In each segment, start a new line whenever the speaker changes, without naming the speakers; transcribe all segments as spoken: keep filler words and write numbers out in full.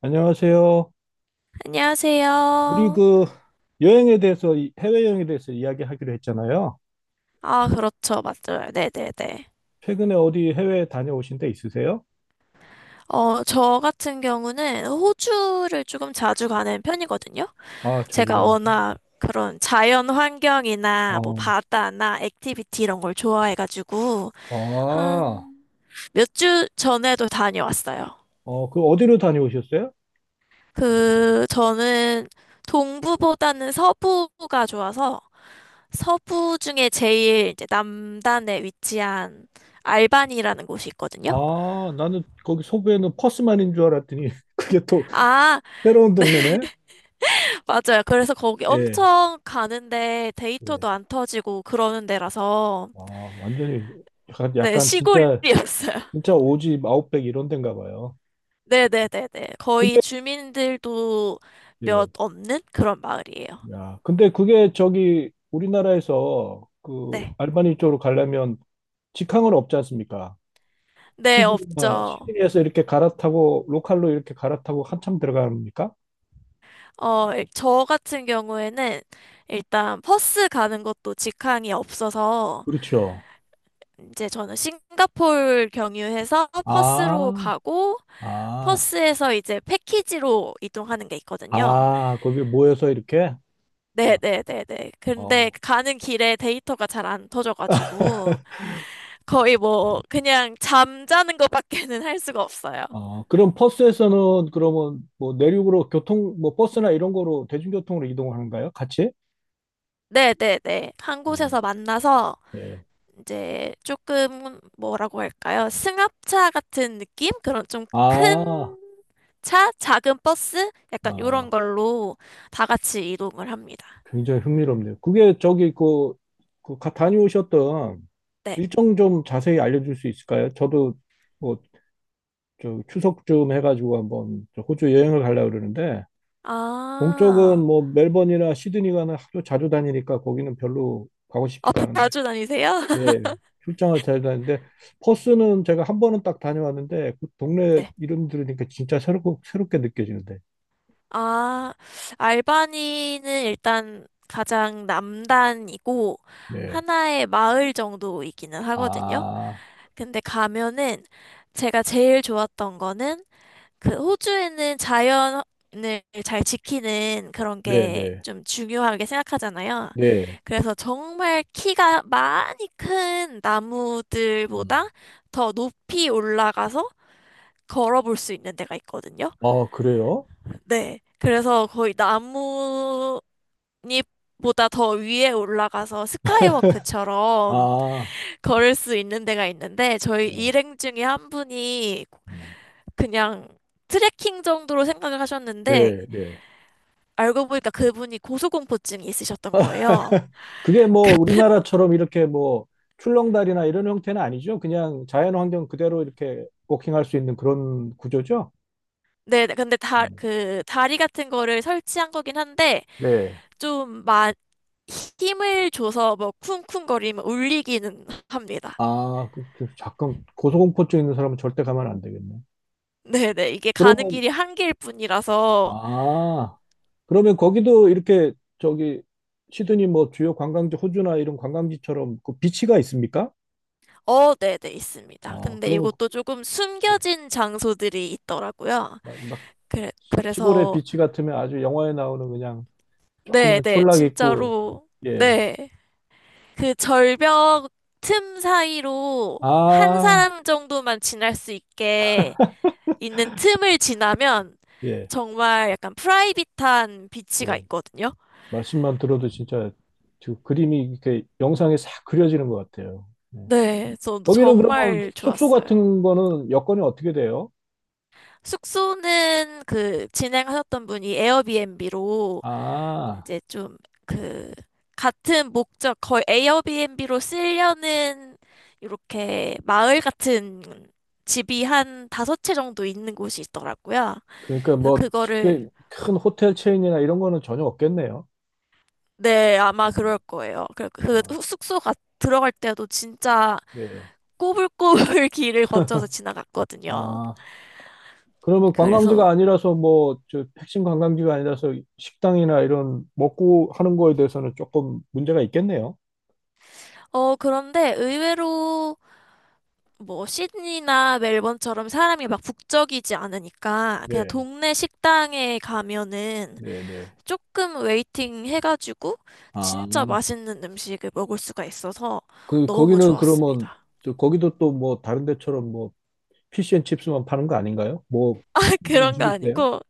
안녕하세요. 우리
안녕하세요.
그 여행에 대해서, 이- 해외여행에 대해서 이야기하기로 했잖아요.
아, 그렇죠. 맞아요. 네네네.
최근에 어디 해외 다녀오신 데 있으세요?
어, 저 같은 경우는 호주를 조금 자주 가는 편이거든요.
아, 자주
제가
다니죠.
워낙 그런 자연 환경이나 뭐
어,
바다나 액티비티 이런 걸 좋아해가지고 한
아,
몇 주 전에도 다녀왔어요.
어, 그 어디로 다녀오셨어요?
그, 저는 동부보다는 서부가 좋아서 서부 중에 제일 이제 남단에 위치한 알반이라는 곳이 있거든요.
아, 나는 거기 서부에는 퍼스만인 줄 알았더니 그게 또
아,
새로운
네,
동네네?
맞아요. 그래서 거기
예,
엄청 가는데
예.
데이터도 안 터지고 그러는 데라서,
아, 완전히 약간,
네,
약간 진짜,
시골이었어요.
진짜 오지 아웃백 이런 데인가 봐요.
네네네네. 거의
근데,
주민들도 몇
예.
없는 그런 마을이에요.
야, 근데 그게 저기 우리나라에서 그
네.
알바니 쪽으로 가려면 직항은 없지 않습니까?
네,
시드니나
없죠.
시드니에서 이렇게 갈아타고 로컬로 이렇게 갈아타고 한참 들어갑니까?
어, 일- 저 같은 경우에는 일단 버스 가는 것도 직항이 없어서
그렇죠.
이제 저는 싱가폴 경유해서 버스로
아,
가고
아,
버스에서 이제 패키지로 이동하는 게 있거든요.
아, 거기 모여서 이렇게?
네네네네. 근데
어,
가는 길에 데이터가 잘 안 터져가지고 거의 뭐 그냥 잠자는 것밖에는 할 수가 없어요.
어, 그럼 버스에서는 그러면 뭐 내륙으로 교통, 뭐 버스나 이런 거로 대중교통으로 이동하는가요? 같이?
네네네. 한
음,
곳에서 만나서
네.
이제 조금 뭐라고 할까요? 승합차 같은 느낌? 그런 좀
아,
큰 차? 작은 버스? 약간 이런
아,
걸로 다 같이 이동을 합니다.
굉장히 흥미롭네요. 그게 저기 그, 그 가- 다녀오셨던
네.
일정 좀 자세히 알려줄 수 있을까요? 저도 뭐 저 추석쯤 해가지고 한번 저 호주 여행을 가려고 그러는데 동쪽은
아,
뭐 멜번이나 시드니 가는 하도 자주 다니니까 거기는 별로 가고
아,
싶지가 않은데.
자주 다니세요?
예, 출장을 잘 다니는데 퍼스는 제가 한 번은 딱 다녀왔는데 그 동네
네.
이름 들으니까 진짜 새롭고 새롭게 느껴지는데.
아, 알바니는 일단 가장 남단이고
네.
하나의 마을 정도이기는 하거든요.
아,
근데 가면은 제가 제일 좋았던 거는 그 호주에는 자연을 잘 지키는 그런 게
네네.
좀 중요하게 생각하잖아요.
네.
그래서 정말 키가 많이 큰
음.
나무들보다 더 높이 올라가서 걸어볼 수 있는 데가 있거든요.
아, 그래요?
네. 그래서 거의 나무 보다 더 위에 올라가서 스카이워크처럼
아,
걸을 수 있는 데가 있는데 저희
네.
일행 중에 한 분이
음.
그냥 트레킹 정도로 생각을 하셨는데
네, 네.
알고 보니까 그분이 고소공포증이 있으셨던 거예요.
그게 뭐 우리나라처럼 이렇게 뭐 출렁다리나 이런 형태는 아니죠. 그냥 자연 환경 그대로 이렇게 워킹할 수 있는 그런 구조죠.
네, 근데 다,
음.
그 다리 같은 거를 설치한 거긴 한데
네.
좀 막 힘을 줘서 뭐 쿵쿵거리면 울리기는 합니다.
아, 그, 그 잠깐 고소공포증 있는 사람은 절대 가면 안 되겠네.
네네, 이게 가는
그러면
길이 한 길뿐이라서
아, 그러면 거기도 이렇게 저기 시드니 뭐 주요 관광지 호주나 이런 관광지처럼 그 비치가 있습니까?
어, 네네, 있습니다.
아,
근데
그러면
이것도 조금
네.
숨겨진 장소들이 있더라고요.
막, 막
그래,
시골의
그래서,
비치 같으면 아주 영화에 나오는 그냥 조그만
네네,
촌락 있고,
진짜로,
예.
네. 그 절벽 틈 사이로 한
아,
사람 정도만 지날 수 있게 있는 틈을 지나면
예,
정말 약간 프라이빗한 비치가
예.
있거든요.
말씀만 들어도 진짜 그 그림이 이렇게 영상에 싹 그려지는 것 같아요. 예.
네, 저도
거기는 그러면
정말
숙소
좋았어요.
같은 거는 여건이 어떻게 돼요?
숙소는 그 진행하셨던 분이 에어비앤비로
아,
이제 좀 그 같은 목적 거의 에어비앤비로 쓰려는 이렇게 마을 같은 집이 한 다섯 채 정도 있는 곳이 있더라고요.
그러니까
그래서
뭐
그거를
특히 큰 호텔 체인이나 이런 거는 전혀 없겠네요.
네, 아마
어,
그럴 거예요. 그, 그
아,
후- 숙소가 들어갈 때도 진짜
예.
꼬불꼬불 길을 거쳐서 지나갔거든요.
아, 그러면 관광지가
그래서
아니라서 뭐 저 핵심 관광지가 아니라서 식당이나 이런 먹고 하는 거에 대해서는 조금 문제가 있겠네요.
어 그런데 의외로 뭐 시드니나 멜번처럼 사람이 막 북적이지 않으니까 그냥
네,
동네 식당에 가면은
네, 네.
조금 웨이팅 해가지고
아,
진짜 맛있는 음식을 먹을 수가 있어서
그,
너무
거기는 그러면,
좋았습니다.
저, 거기도 또 뭐, 다른 데처럼 뭐, 피시앤칩스만 파는 거 아닌가요? 뭐, 특산물
그런 거
음식이세요?
아니고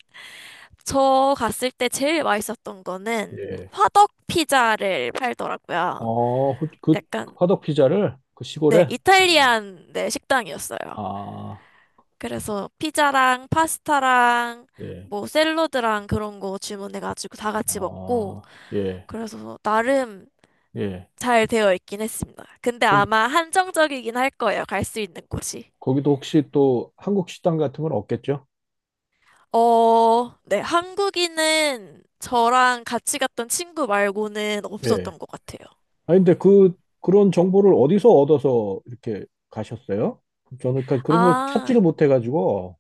저 갔을 때 제일 맛있었던 거는
예.
화덕 피자를 팔더라고요.
어, 그, 그
약간
화덕 피자를 그
네,
시골에? 어,
이탈리안 네, 식당이었어요.
아,
그래서 피자랑 파스타랑
예.
뭐 샐러드랑 그런 거 주문해가지고 다 같이 먹고
아, 예.
그래서 나름
예.
잘 되어 있긴 했습니다. 근데
그럼
아마 한정적이긴 할 거예요. 갈 수 있는 곳이.
거기도 혹시 또 한국 식당 같은 건 없겠죠?
어, 네, 한국인은 저랑 같이 갔던 친구 말고는
예.
없었던 것 같아요.
아, 근데 그, 그런 정보를 어디서 얻어서 이렇게 가셨어요? 저는 그- 그런 거 찾지를
아,
못해가지고.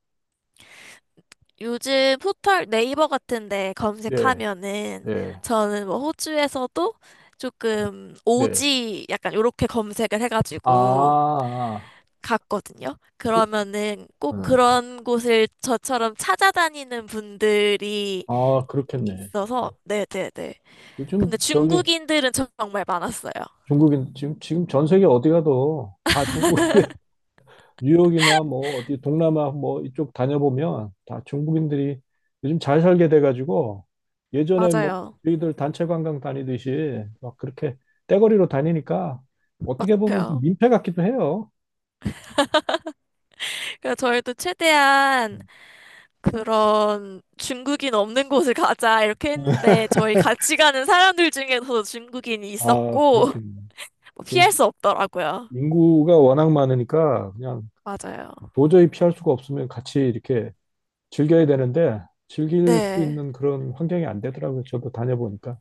요즘 포털 네이버 같은데
네,
검색하면은
네,
저는 뭐 호주에서도 조금
네.
오지 약간 요렇게 검색을 해가지고
아,
갔거든요.
그,
그러면은 꼭
어.
그런 곳을 저처럼 찾아다니는 분들이
아, 그렇겠네.
있어서,
예.
네네네.
요즘
근데
저기
중국인들은 정말 많았어요.
중국인 지금 지금 전 세계 어디 가도 다 중국 뉴욕이나 뭐 어디 동남아 뭐 이쪽 다녀보면 다 중국인들이 요즘 잘 살게 돼가지고 예전에 뭐
맞아요.
저희들 단체 관광 다니듯이 막 그렇게 떼거리로 다니니까 어떻게 보면 좀
맞아요.
민폐 같기도 해요.
그래서 저희도 최대한 그런 중국인 없는 곳을 가자 이렇게 했는데 저희 같이 가는 사람들 중에서도 중국인이
아,
있었고
그렇겠네. 그
피할
시-
수 없더라고요.
인구가 워낙 많으니까 그냥
맞아요.
도저히 피할 수가 없으면 같이 이렇게 즐겨야 되는데 즐길 수
네,
있는 그런 환경이 안 되더라고요. 저도 다녀보니까.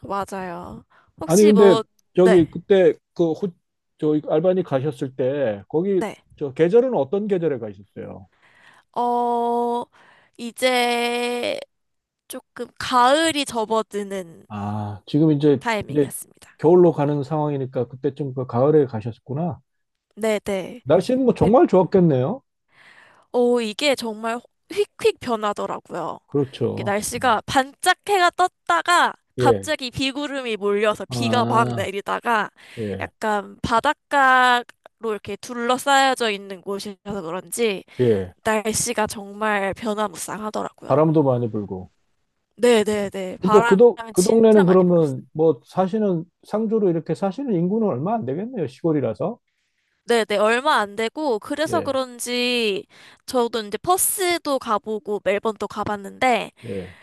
맞아요.
아니
혹시
근데
뭐,
저기
네,
그때 그 호, 저 알바니 가셨을 때 거기
네.
저 계절은 어떤 계절에 가셨어요?
어, 이제 조금 가을이 접어드는
아, 지금 이제 이제
타이밍이었습니다.
겨울로 가는 상황이니까 그때쯤 그 가을에 가셨구나.
네, 네.
날씨는 뭐 정말 좋았겠네요.
오, 이게 정말 휙휙 변하더라고요. 이게
그렇죠.
날씨가 반짝 해가 떴다가
예.
갑자기 비구름이 몰려서 비가 막
아,
내리다가
예.
약간 바닷가로 이렇게 둘러싸여져 있는 곳이라서 그런지
예.
날씨가 정말 변화무쌍하더라고요.
바람도 많이 불고.
네네네.
근데 그,
바람
동 그 동네는
진짜 많이 불었어요.
그러면 뭐 사시는 상주로 이렇게 사시는 인구는 얼마 안 되겠네요. 시골이라서.
네네. 얼마 안 되고 그래서
예,
그런지 저도 이제 퍼스도 가보고 멜번도 가봤는데
예.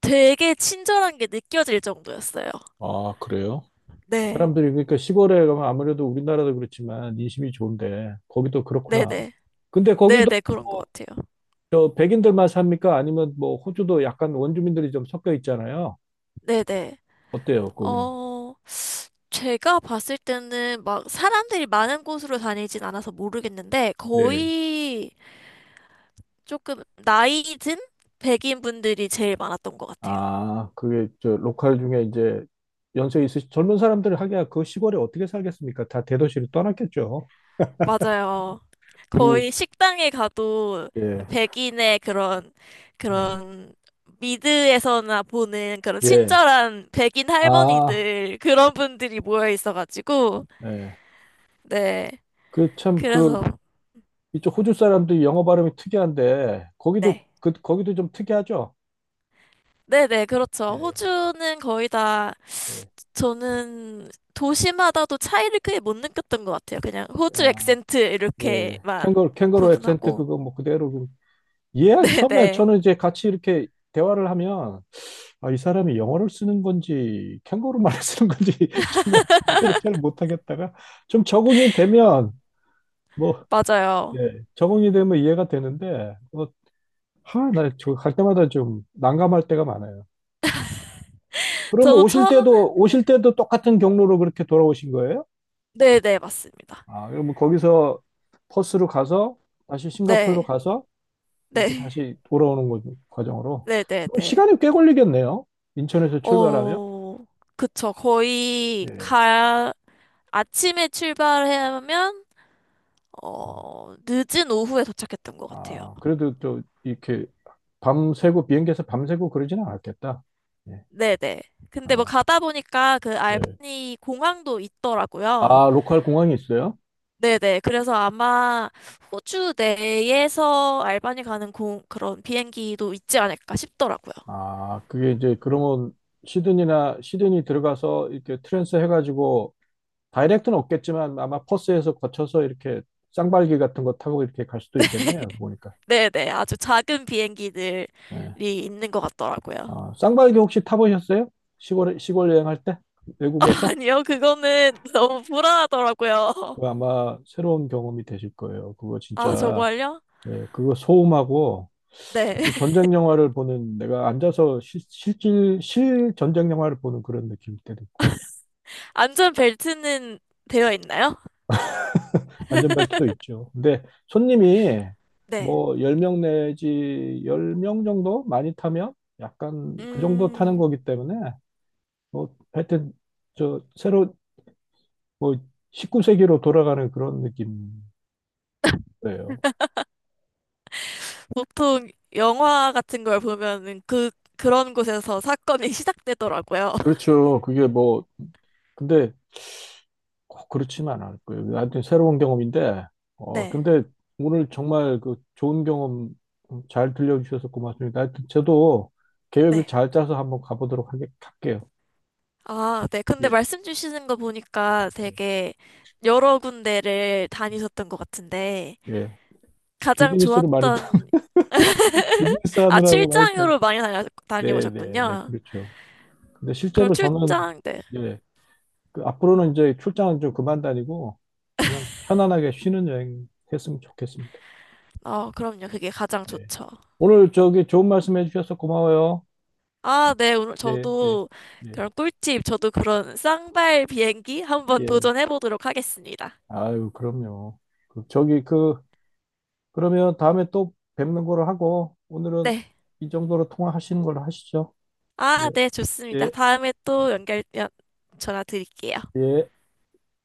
되게 친절한 게 느껴질 정도였어요.
아, 그래요?
네,
사람들이 그러니까 시골에 가면 아무래도 우리나라도 그렇지만 인심이 좋은데 거기도 그렇구나.
네네.
근데 거기도
네네, 그런 것
뭐
같아요.
저 백인들만 삽니까? 아니면 뭐 호주도 약간 원주민들이 좀 섞여 있잖아요.
네네.
어때요, 거기는?
어, 제가 봤을 때는 막 사람들이 많은 곳으로 다니진 않아서 모르겠는데,
네.
거의 조금 나이 든 백인 분들이 제일 많았던 것 같아요.
아, 그게 저 로컬 중에 이제 연세 있으신 젊은 사람들 하기야 그 시골에 어떻게 살겠습니까? 다 대도시로 떠났겠죠.
맞아요. 음.
그리고
거의 식당에 가도
예.
백인의 그런,
예.
그런, 미드에서나 보는 그런
예.
친절한 백인
아,
할머니들, 그런 분들이 모여 있어가지고,
예.
네.
그 참 그
그래서,
이쪽 호주 사람도 영어 발음이 특이한데 거기도
네.
그 거기도 좀 특이하죠.
네네, 그렇죠.
예.
호주는 거의 다
예.
저는 도시마다도 차이를 크게 못 느꼈던 것 같아요. 그냥 호주
아,
액센트
네.
이렇게만
캥거루 캥거루 액센트
구분하고.
그거 뭐 그대로 그- 예, 처음에
네네,
저는 이제 같이 이렇게 대화를 하면 아, 이 사람이 영어를 쓰는 건지 캥거루 말을 쓰는 건지 처음에 이해를 잘 못하겠다가 좀 적응이 되면 뭐
맞아요.
예, 적응이 되면 이해가 되는데 뭐, 하, 나저갈 때마다 좀 난감할 때가 많아요. 그러면
저도
오실
처음엔,
때도, 오실 때도 똑같은 경로로 그렇게 돌아오신 거예요?
네네, 맞습니다.
아, 그러면 거기서 퍼스로 가서, 다시 싱가포르로
네,
가서, 이렇게
네,
다시 돌아오는 거, 과정으로. 그럼
네네네.
시간이 꽤 걸리겠네요. 인천에서 출발하면.
어, 그쵸. 거의
예.
가, 아침에 출발하면, 어, 늦은 오후에 도착했던 것 같아요.
아, 그래도 또, 이렇게 밤새고, 비행기에서 밤새고 그러지는 않았겠다. 예.
네네. 근데 뭐
아,
가다 보니까 그
네.
알바니 공항도 있더라고요.
아, 로컬 공항이 있어요?
네네. 그래서 아마 호주 내에서 알바니 가는 공, 그런 비행기도 있지 않을까 싶더라고요.
아, 그게 이제, 그러면, 시드니나, 시드니 들어가서 이렇게 트랜스 해가지고 다이렉트는 없겠지만 아마 퍼스에서 거쳐서 이렇게 쌍발기 같은 거 타고 이렇게 갈 수도 있겠네요. 보니까.
네네. 아주 작은 비행기들이
예.
있는 것 같더라고요.
아, 쌍발기 혹시 타보셨어요? 시골 시골 여행할 때 외국에서.
아니요. 그거는 너무 불안하더라고요.
그거 아마 새로운 경험이 되실 거예요. 그거
아,
진짜.
정말요?
네, 그거 소음하고
네.
마치 전쟁 영화를 보는, 내가 앉아서 실, 실질 실 전쟁 영화를 보는 그런 느낌이 때도 있고.
안전벨트는 되어 있나요?
안전벨트도 있죠. 근데 손님이
네.
뭐 열 명 내지 열 명 정도 많이 타면 약간 그 정도 타는
음.
거기 때문에, 뭐 하여튼 저 새로 뭐 십구 세기로 돌아가는 그런 느낌이에요.
보통 영화 같은 걸 보면은 그, 그런 곳에서 사건이 시작되더라고요.
그렇죠. 그게 뭐 근데 꼭 그렇지만 않을 거예요. 하여튼 새로운 경험인데. 어
네,
근데 오늘 정말 그 좋은 경험 잘 들려주셔서 고맙습니다. 하여튼 저도 계획을
네.
잘 짜서 한번 가보도록 하게, 할게요.
아, 네. 근데
예.
말씀 주시는 거 보니까 되게 여러 군데를 다니셨던 것 같은데,
예.
가장
비즈니스를 많이 타.
좋았던,
비즈니스
아,
하느라고 많이 타.
출장으로 많이 다녀,
네, 네, 네,
다녀오셨군요.
그렇죠. 근데
그럼
실제로 저는
출장, 네.
예, 그 앞으로는 이제 출장은 좀 그만 다니고 그냥 편안하게 쉬는 여행 했으면 좋겠습니다.
어, 그럼요. 그게 가장
네.
좋죠.
오늘 저기 좋은 말씀 해주셔서 고마워요.
아, 네. 오늘
네, 네,
저도
예,
그런 꿀팁, 저도 그런 쌍발 비행기 한번
예.
도전해 보도록 하겠습니다.
아유, 그럼요. 그 저기 그 그러면 다음에 또 뵙는 거로 하고 오늘은
네.
이 정도로 통화하시는 걸로 하시죠.
아,
예,
네, 좋습니다.
예,
다음에 또 연결, 연, 전화 드릴게요.
예.